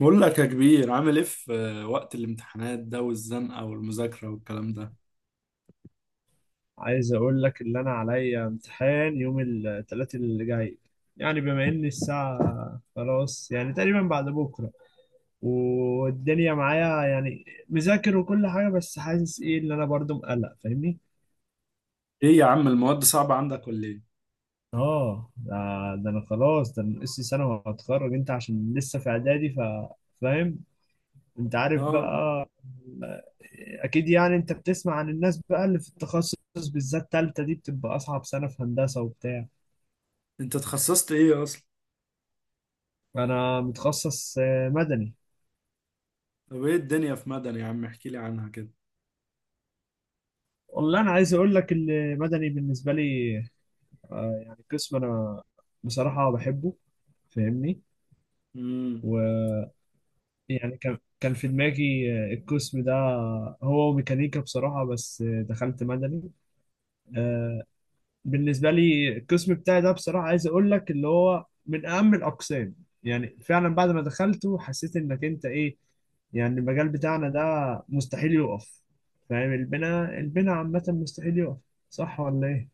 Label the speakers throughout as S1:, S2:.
S1: بقول لك يا كبير عامل ايه في وقت الامتحانات ده والزنقة والمذاكرة والكلام ده؟
S2: عايز اقول لك اللي انا عليا امتحان يوم الثلاث اللي جاي. يعني بما ان الساعة خلاص يعني تقريبا بعد بكرة، والدنيا معايا يعني مذاكر وكل حاجة، بس حاسس ايه اللي انا برضو مقلق فاهمني.
S1: ايه يا عم المواد صعبة عندك ولا ايه؟
S2: اه ده, ده انا خلاص، ده انا ناقصي سنة وهتخرج، انت عشان لسه في اعدادي، فاهم. انت عارف
S1: اه،
S2: بقى اكيد يعني، انت بتسمع عن الناس بقى اللي في التخصص، بالذات تالتة دي بتبقى اصعب سنة في هندسة وبتاع.
S1: انت اتخصصت ايه اصلا؟
S2: انا متخصص مدني.
S1: طب ايه الدنيا في مدني يا عم احكي لي عنها كده.
S2: والله انا عايز اقول لك المدني بالنسبه لي، يعني قسم انا بصراحه بحبه، فاهمني،
S1: امم.
S2: ويعني كان في دماغي القسم ده هو ميكانيكا بصراحه، بس دخلت مدني. آه، بالنسبه لي القسم بتاعي ده بصراحه، عايز اقول لك اللي هو من اهم الاقسام. يعني فعلا بعد ما دخلته حسيت انك انت ايه، يعني المجال بتاعنا ده مستحيل يقف. فاهم، البناء عامه مستحيل يقف، صح ولا ايه؟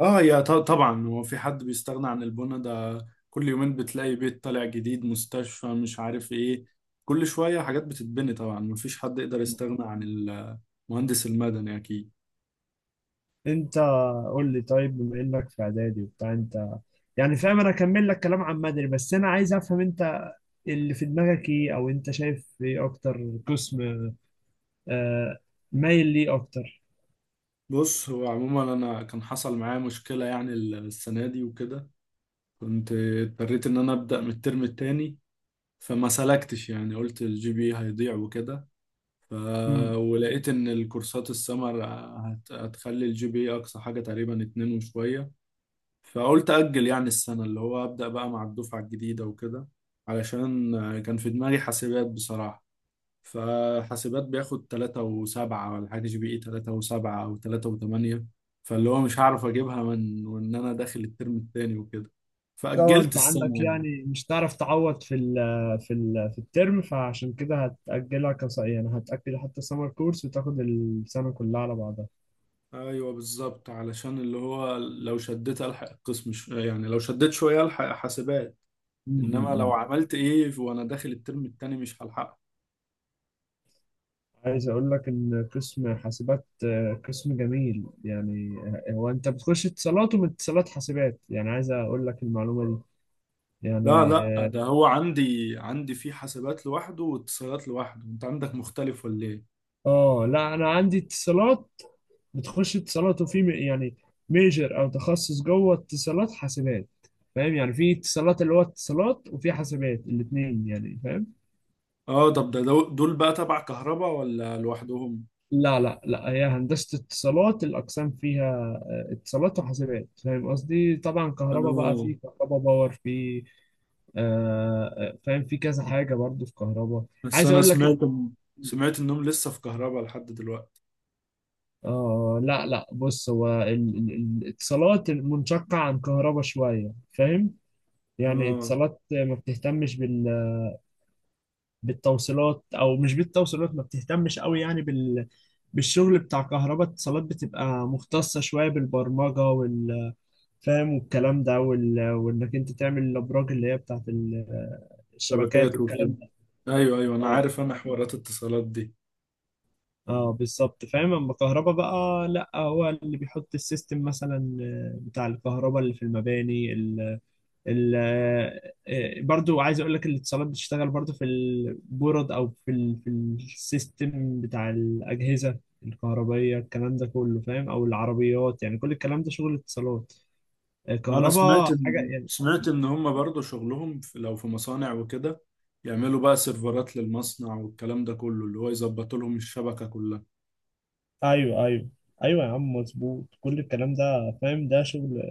S1: اه يا طبعا هو في حد بيستغنى عن البنا ده، كل يومين بتلاقي بيت طالع جديد، مستشفى، مش عارف ايه، كل شوية حاجات بتتبني، طبعا مفيش حد يقدر يستغنى عن المهندس المدني اكيد.
S2: انت قول لي طيب، بما انك في اعدادي وبتاع، انت يعني فاهم انا اكمل لك كلام عن مدني، بس انا عايز افهم انت اللي في دماغك ايه، او انت شايف ايه اكتر قسم آه مايل ليه اكتر.
S1: بص هو عموما انا كان حصل معايا مشكلة يعني السنة دي وكده، كنت اضطريت ان انا ابدا من الترم التاني، فما سلكتش يعني قلت الجي بي هيضيع وكده. ف... ولقيت ان الكورسات السمر هتخلي الجي بي اقصى حاجه تقريبا اتنين وشويه، فقلت اجل يعني السنه اللي هو ابدا بقى مع الدفعه الجديده وكده، علشان كان في دماغي حاسبات بصراحه، فحاسبات بياخد تلاتة وسبعة ولا حاجة، جي بي إي تلاتة وسبعة أو تلاتة وتمانية، فاللي هو مش هعرف أجيبها من وإن أنا داخل الترم التاني وكده،
S2: اه،
S1: فأجلت
S2: انت
S1: السنة
S2: عندك
S1: يعني.
S2: يعني مش هتعرف تعوض في ال في الترم، فعشان كده هتأجلها يعني هتأجل حتى سمر كورس وتاخد السنة كلها على بعضها.
S1: ايوه بالظبط، علشان اللي هو لو شديت الحق القسم يعني لو شديت شويه الحق حاسبات،
S2: م-
S1: انما
S2: م-
S1: لو
S2: م.
S1: عملت ايه وانا داخل الترم التاني مش هلحقه.
S2: عايز اقول لك ان قسم حاسبات قسم جميل يعني. هو انت بتخش اتصالات، ومن اتصالات حاسبات، يعني عايز اقول لك المعلومة دي
S1: لا
S2: يعني.
S1: لا، ده هو عندي في حاسبات لوحده واتصالات لوحده، انت عندك مختلف ولا ايه؟
S2: اه لا، انا عندي اتصالات، بتخش اتصالات وفي يعني ميجر او تخصص جوه اتصالات حاسبات. فاهم يعني، في اتصالات اللي هو اتصالات، وفي حاسبات الاثنين، يعني فاهم.
S1: اه، طب ده دول بقى تبع كهرباء ولا لوحدهم؟
S2: لا لا لا، هي هندسة اتصالات، الاقسام فيها اتصالات وحاسبات. فاهم قصدي؟ طبعا كهرباء بقى
S1: اه
S2: في كهرباء باور، في فاهم في كذا حاجة برضو في كهرباء.
S1: بس
S2: عايز
S1: انا
S2: اقول لك
S1: سمعت انهم لسه في كهرباء لحد دلوقتي.
S2: آه لا لا، بص هو ال- الاتصالات منشقة عن كهرباء شوية، فاهم؟ يعني
S1: اه.
S2: اتصالات ما بتهتمش بالتوصيلات، او مش بالتوصيلات، ما بتهتمش قوي يعني بالشغل بتاع كهرباء. اتصالات بتبقى مختصة شوية بالبرمجة فاهم، والكلام ده، وانك انت تعمل الابراج اللي هي بتاعت الشبكات
S1: شبكات وكده،
S2: والكلام ده.
S1: ايوه ايوه انا
S2: اه،
S1: عارف، انا حوارات اتصالات دي.
S2: اه بالظبط فاهم. اما كهرباء بقى لا، هو اللي بيحط السيستم مثلا بتاع الكهرباء اللي في المباني. ال- برضو عايز اقول لك الاتصالات بتشتغل برضو في البورد، او في ال في السيستم بتاع الاجهزه الكهربائيه الكلام ده كله. فاهم؟ او العربيات، يعني كل الكلام ده شغل اتصالات،
S1: انا
S2: الكهرباء حاجه يعني.
S1: سمعت ان هم برضو شغلهم في لو في مصانع وكده، يعملوا بقى سيرفرات للمصنع والكلام ده كله اللي هو يظبط لهم الشبكة كلها.
S2: ايوه ايوه، ايوه يا عم مظبوط، كل الكلام ده فاهم. ده شغل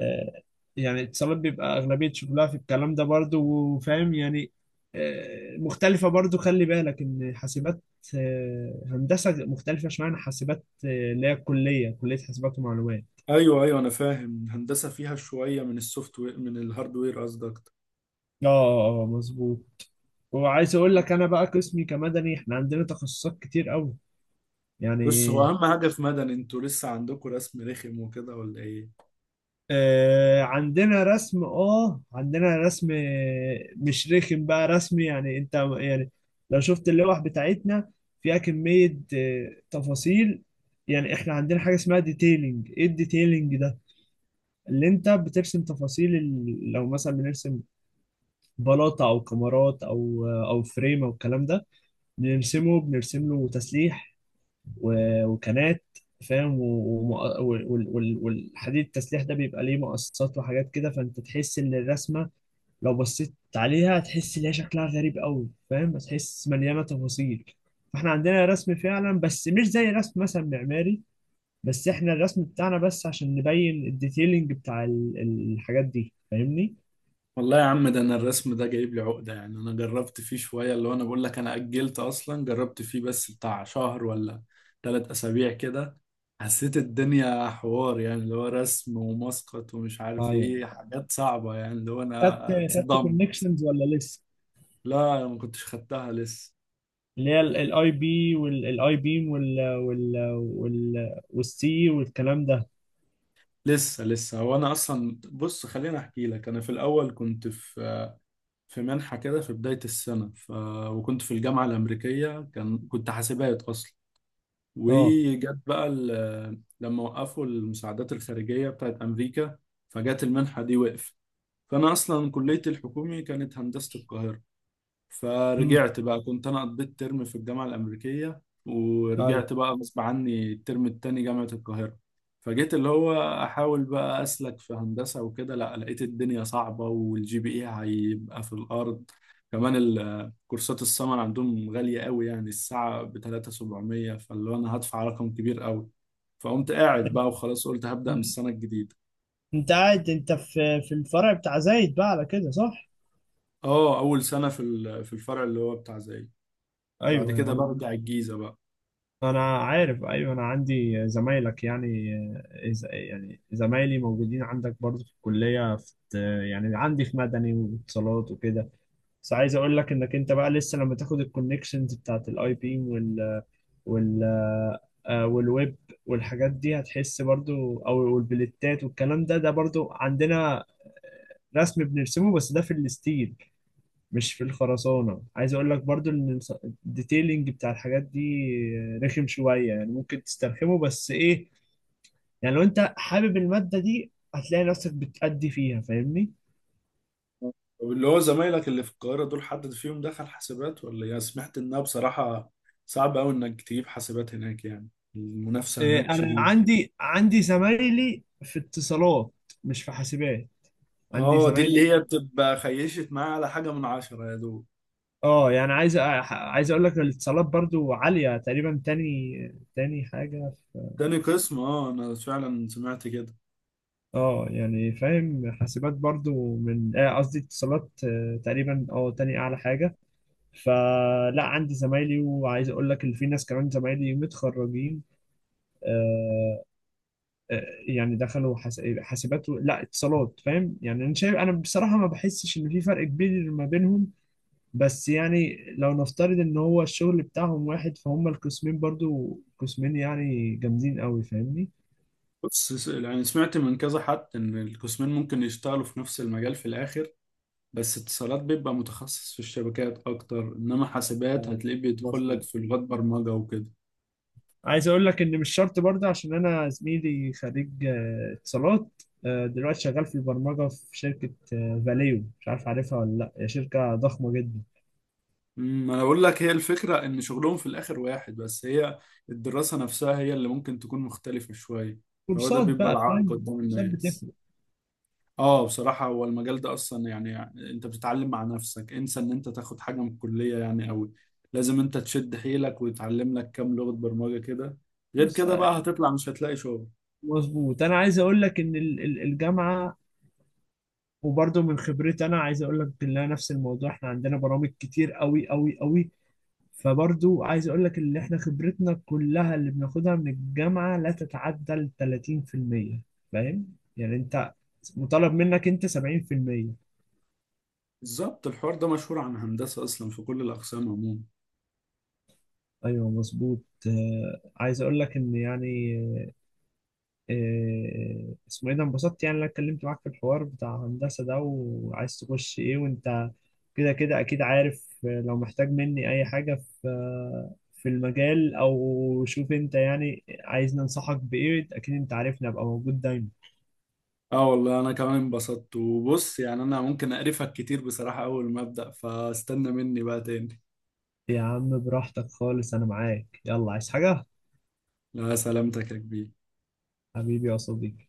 S2: آه، يعني اتصالات بيبقى أغلبية شغلها في الكلام ده برضو، وفاهم يعني مختلفة برضو. خلي بالك إن حاسبات هندسة مختلفة شوية عن حاسبات اللي هي الكلية، كلية حاسبات ومعلومات.
S1: ايوه ايوه انا فاهم، الهندسة فيها شوية من السوفت وير من الهاردوير قصدك.
S2: اه، مظبوط. وعايز اقول لك انا بقى، قسمي كمدني احنا عندنا تخصصات كتير قوي يعني.
S1: بص هو اهم حاجة في مدني، انتوا لسه عندكم رسم رخم وكده ولا ايه؟
S2: عندنا رسم، اه عندنا رسم مش رخم بقى، رسم يعني. انت يعني لو شفت اللوح بتاعتنا، فيها كمية تفاصيل. يعني احنا عندنا حاجة اسمها ديتيلينج. ايه الديتيلينج ده؟ اللي انت بترسم تفاصيل لو مثلا بنرسم بلاطة او كمرات او او فريم او الكلام ده، بنرسمه، بنرسم له تسليح وكانات. فاهم؟ والحديد التسليح ده بيبقى ليه مقصات وحاجات كده، فانت تحس ان الرسمه لو بصيت عليها هتحس ان هي شكلها غريب قوي. فاهم؟ هتحس مليانه تفاصيل. فاحنا عندنا رسم فعلا، بس مش زي رسم مثلا معماري. بس احنا الرسم بتاعنا بس عشان نبين الديتيلنج بتاع الحاجات دي، فاهمني.
S1: والله يا عم ده انا الرسم ده جايب لي عقدة، يعني انا جربت فيه شوية اللي هو، انا بقول لك انا اجلت اصلا، جربت فيه بس بتاع شهر ولا ثلاث اسابيع كده، حسيت الدنيا حوار يعني اللي هو رسم ومسقط ومش عارف
S2: ايوه،
S1: ايه، حاجات صعبة يعني اللي هو
S2: خدت
S1: انا
S2: خدت
S1: اتصدم.
S2: كونكشنز ولا لسه؟
S1: لا أنا ما كنتش خدتها لسه.
S2: اللي هي الاي بي والاي بيم والسي والكلام ده.
S1: لسه هو انا اصلا، بص خليني احكي لك، انا في الاول كنت في منحة كده في بداية السنة، وكنت في الجامعة الأمريكية كنت حاسبات أصلا،
S2: اه،
S1: وجت بقى لما وقفوا المساعدات الخارجية بتاعت أمريكا، فجت المنحة دي وقف. فأنا أصلا كليتي الحكومي كانت هندسة القاهرة،
S2: امم،
S1: فرجعت بقى، كنت انا قضيت ترم في الجامعه الامريكيه
S2: ايوه،
S1: ورجعت بقى غصب عني الترم التاني جامعه القاهره. فجيت اللي هو احاول بقى اسلك في هندسه وكده، لا لقيت الدنيا صعبه والجي بي اي هيبقى في الارض، كمان كورسات السمر عندهم غاليه قوي يعني الساعه ب 3700، فاللي هو انا هدفع رقم كبير قوي، فقمت قاعد بقى وخلاص قلت هبدا من
S2: مم.
S1: السنه الجديده.
S2: انت قاعد انت في الفرع بتاع زايد بقى على كده، صح؟
S1: اه، اول سنه في في الفرع اللي هو بتاع زيي، وبعد
S2: ايوه يا
S1: كده
S2: عم،
S1: برجع الجيزه بقى.
S2: انا عارف، ايوه انا عندي زمايلك يعني. يعني زمايلي موجودين عندك برضه في الكليه في، يعني عندي في مدني واتصالات وكده. بس عايز اقول لك انك انت بقى لسه لما تاخد الكونكشنز بتاعت الاي بي وال وال والويب والحاجات دي هتحس برضو، او والبلتات والكلام ده، ده برضو عندنا رسم بنرسمه، بس ده في الستيل مش في الخرسانة. عايز اقول لك برضو ان الديتيلينج بتاع الحاجات دي رخم شوية يعني، ممكن تسترخمه، بس ايه، يعني لو انت حابب المادة دي هتلاقي نفسك بتأدي فيها، فاهمني.
S1: طب اللي هو زمايلك اللي في القاهرة دول حد فيهم دخل حاسبات، ولا يا سمعت انها بصراحة صعب قوي انك تجيب حاسبات هناك يعني، المنافسة
S2: إيه،
S1: هناك
S2: انا
S1: شديدة.
S2: عندي، عندي زمايلي في اتصالات مش في حاسبات. عندي
S1: اه، دي
S2: زمايلي،
S1: اللي هي بتبقى خيشت معايا على حاجة من عشرة يا دوب.
S2: اه يعني عايز اقول لك الاتصالات برضو عالية تقريبا، تاني حاجة.
S1: تاني قسم، اه انا فعلا سمعت كده.
S2: اه يعني فاهم، حاسبات برضو من قصدي اتصالات تقريبا اه تاني اعلى حاجة. فلا، عندي زمايلي، وعايز اقول لك اللي في ناس كمان زمايلي متخرجين، آه، آه، يعني دخلوا حاسبات لا اتصالات. فاهم يعني، انا شايف انا بصراحة ما بحسش ان في فرق كبير ما بينهم. بس يعني لو نفترض ان هو الشغل بتاعهم واحد، فهم القسمين برضو، قسمين يعني جامدين قوي، فاهمني.
S1: بص يعني سمعت من كذا حد ان القسمين ممكن يشتغلوا في نفس المجال في الاخر، بس اتصالات بيبقى متخصص في الشبكات اكتر انما حاسبات
S2: آه،
S1: هتلاقيه بيدخل لك في لغات برمجة وكده.
S2: عايز اقول لك ان مش شرط برضه، عشان انا زميلي خريج اتصالات دلوقتي شغال في البرمجه في شركه فاليو، مش عارف عارفها ولا لا، هي شركه ضخمه جدا.
S1: امم، انا بقول لك هي الفكره ان شغلهم في الاخر واحد، بس هي الدراسه نفسها هي اللي ممكن تكون مختلفه شويه. هو ده
S2: كورسات
S1: بيبقى
S2: بقى
S1: العائق
S2: فاهم،
S1: قدام
S2: كورسات
S1: الناس.
S2: بتفرق.
S1: اه بصراحه هو المجال ده اصلا يعني، انت بتتعلم مع نفسك، انسى ان انت تاخد حاجه من الكليه يعني قوي، لازم انت تشد حيلك وتتعلم لك كام لغه برمجه كده، غير
S2: بص
S1: كده بقى هتطلع مش هتلاقي شغل.
S2: مظبوط، انا عايز اقول لك ان الجامعه، وبرضه من خبرتي انا عايز اقول لك ان أنا نفس الموضوع، احنا عندنا برامج كتير قوي قوي قوي. فبرضو عايز اقول لك اللي احنا خبرتنا كلها اللي بناخدها من الجامعة لا تتعدى ال 30%. فاهم يعني، انت مطالب منك انت 70%.
S1: بالظبط الحوار ده مشهور عن هندسه اصلا في كل الاقسام عموما.
S2: ايوه مظبوط، آه عايز اقول لك ان يعني اسمه ايه ده، انبسطت يعني إن انا اتكلمت معاك في الحوار بتاع هندسة ده، وعايز تخش ايه وانت كده كده اكيد عارف. لو محتاج مني اي حاجة في في المجال، او شوف انت يعني عايزني انصحك بايه، اكيد انت عارفني ابقى موجود دايما.
S1: اه والله انا كمان انبسطت، وبص يعني انا ممكن اقرفك كتير بصراحة اول ما ابدأ فاستنى مني بقى تاني.
S2: يا عم براحتك خالص، انا معاك، يلا عايز حاجة؟
S1: لا سلامتك يا كبير.
S2: حبيبي يا صديقي.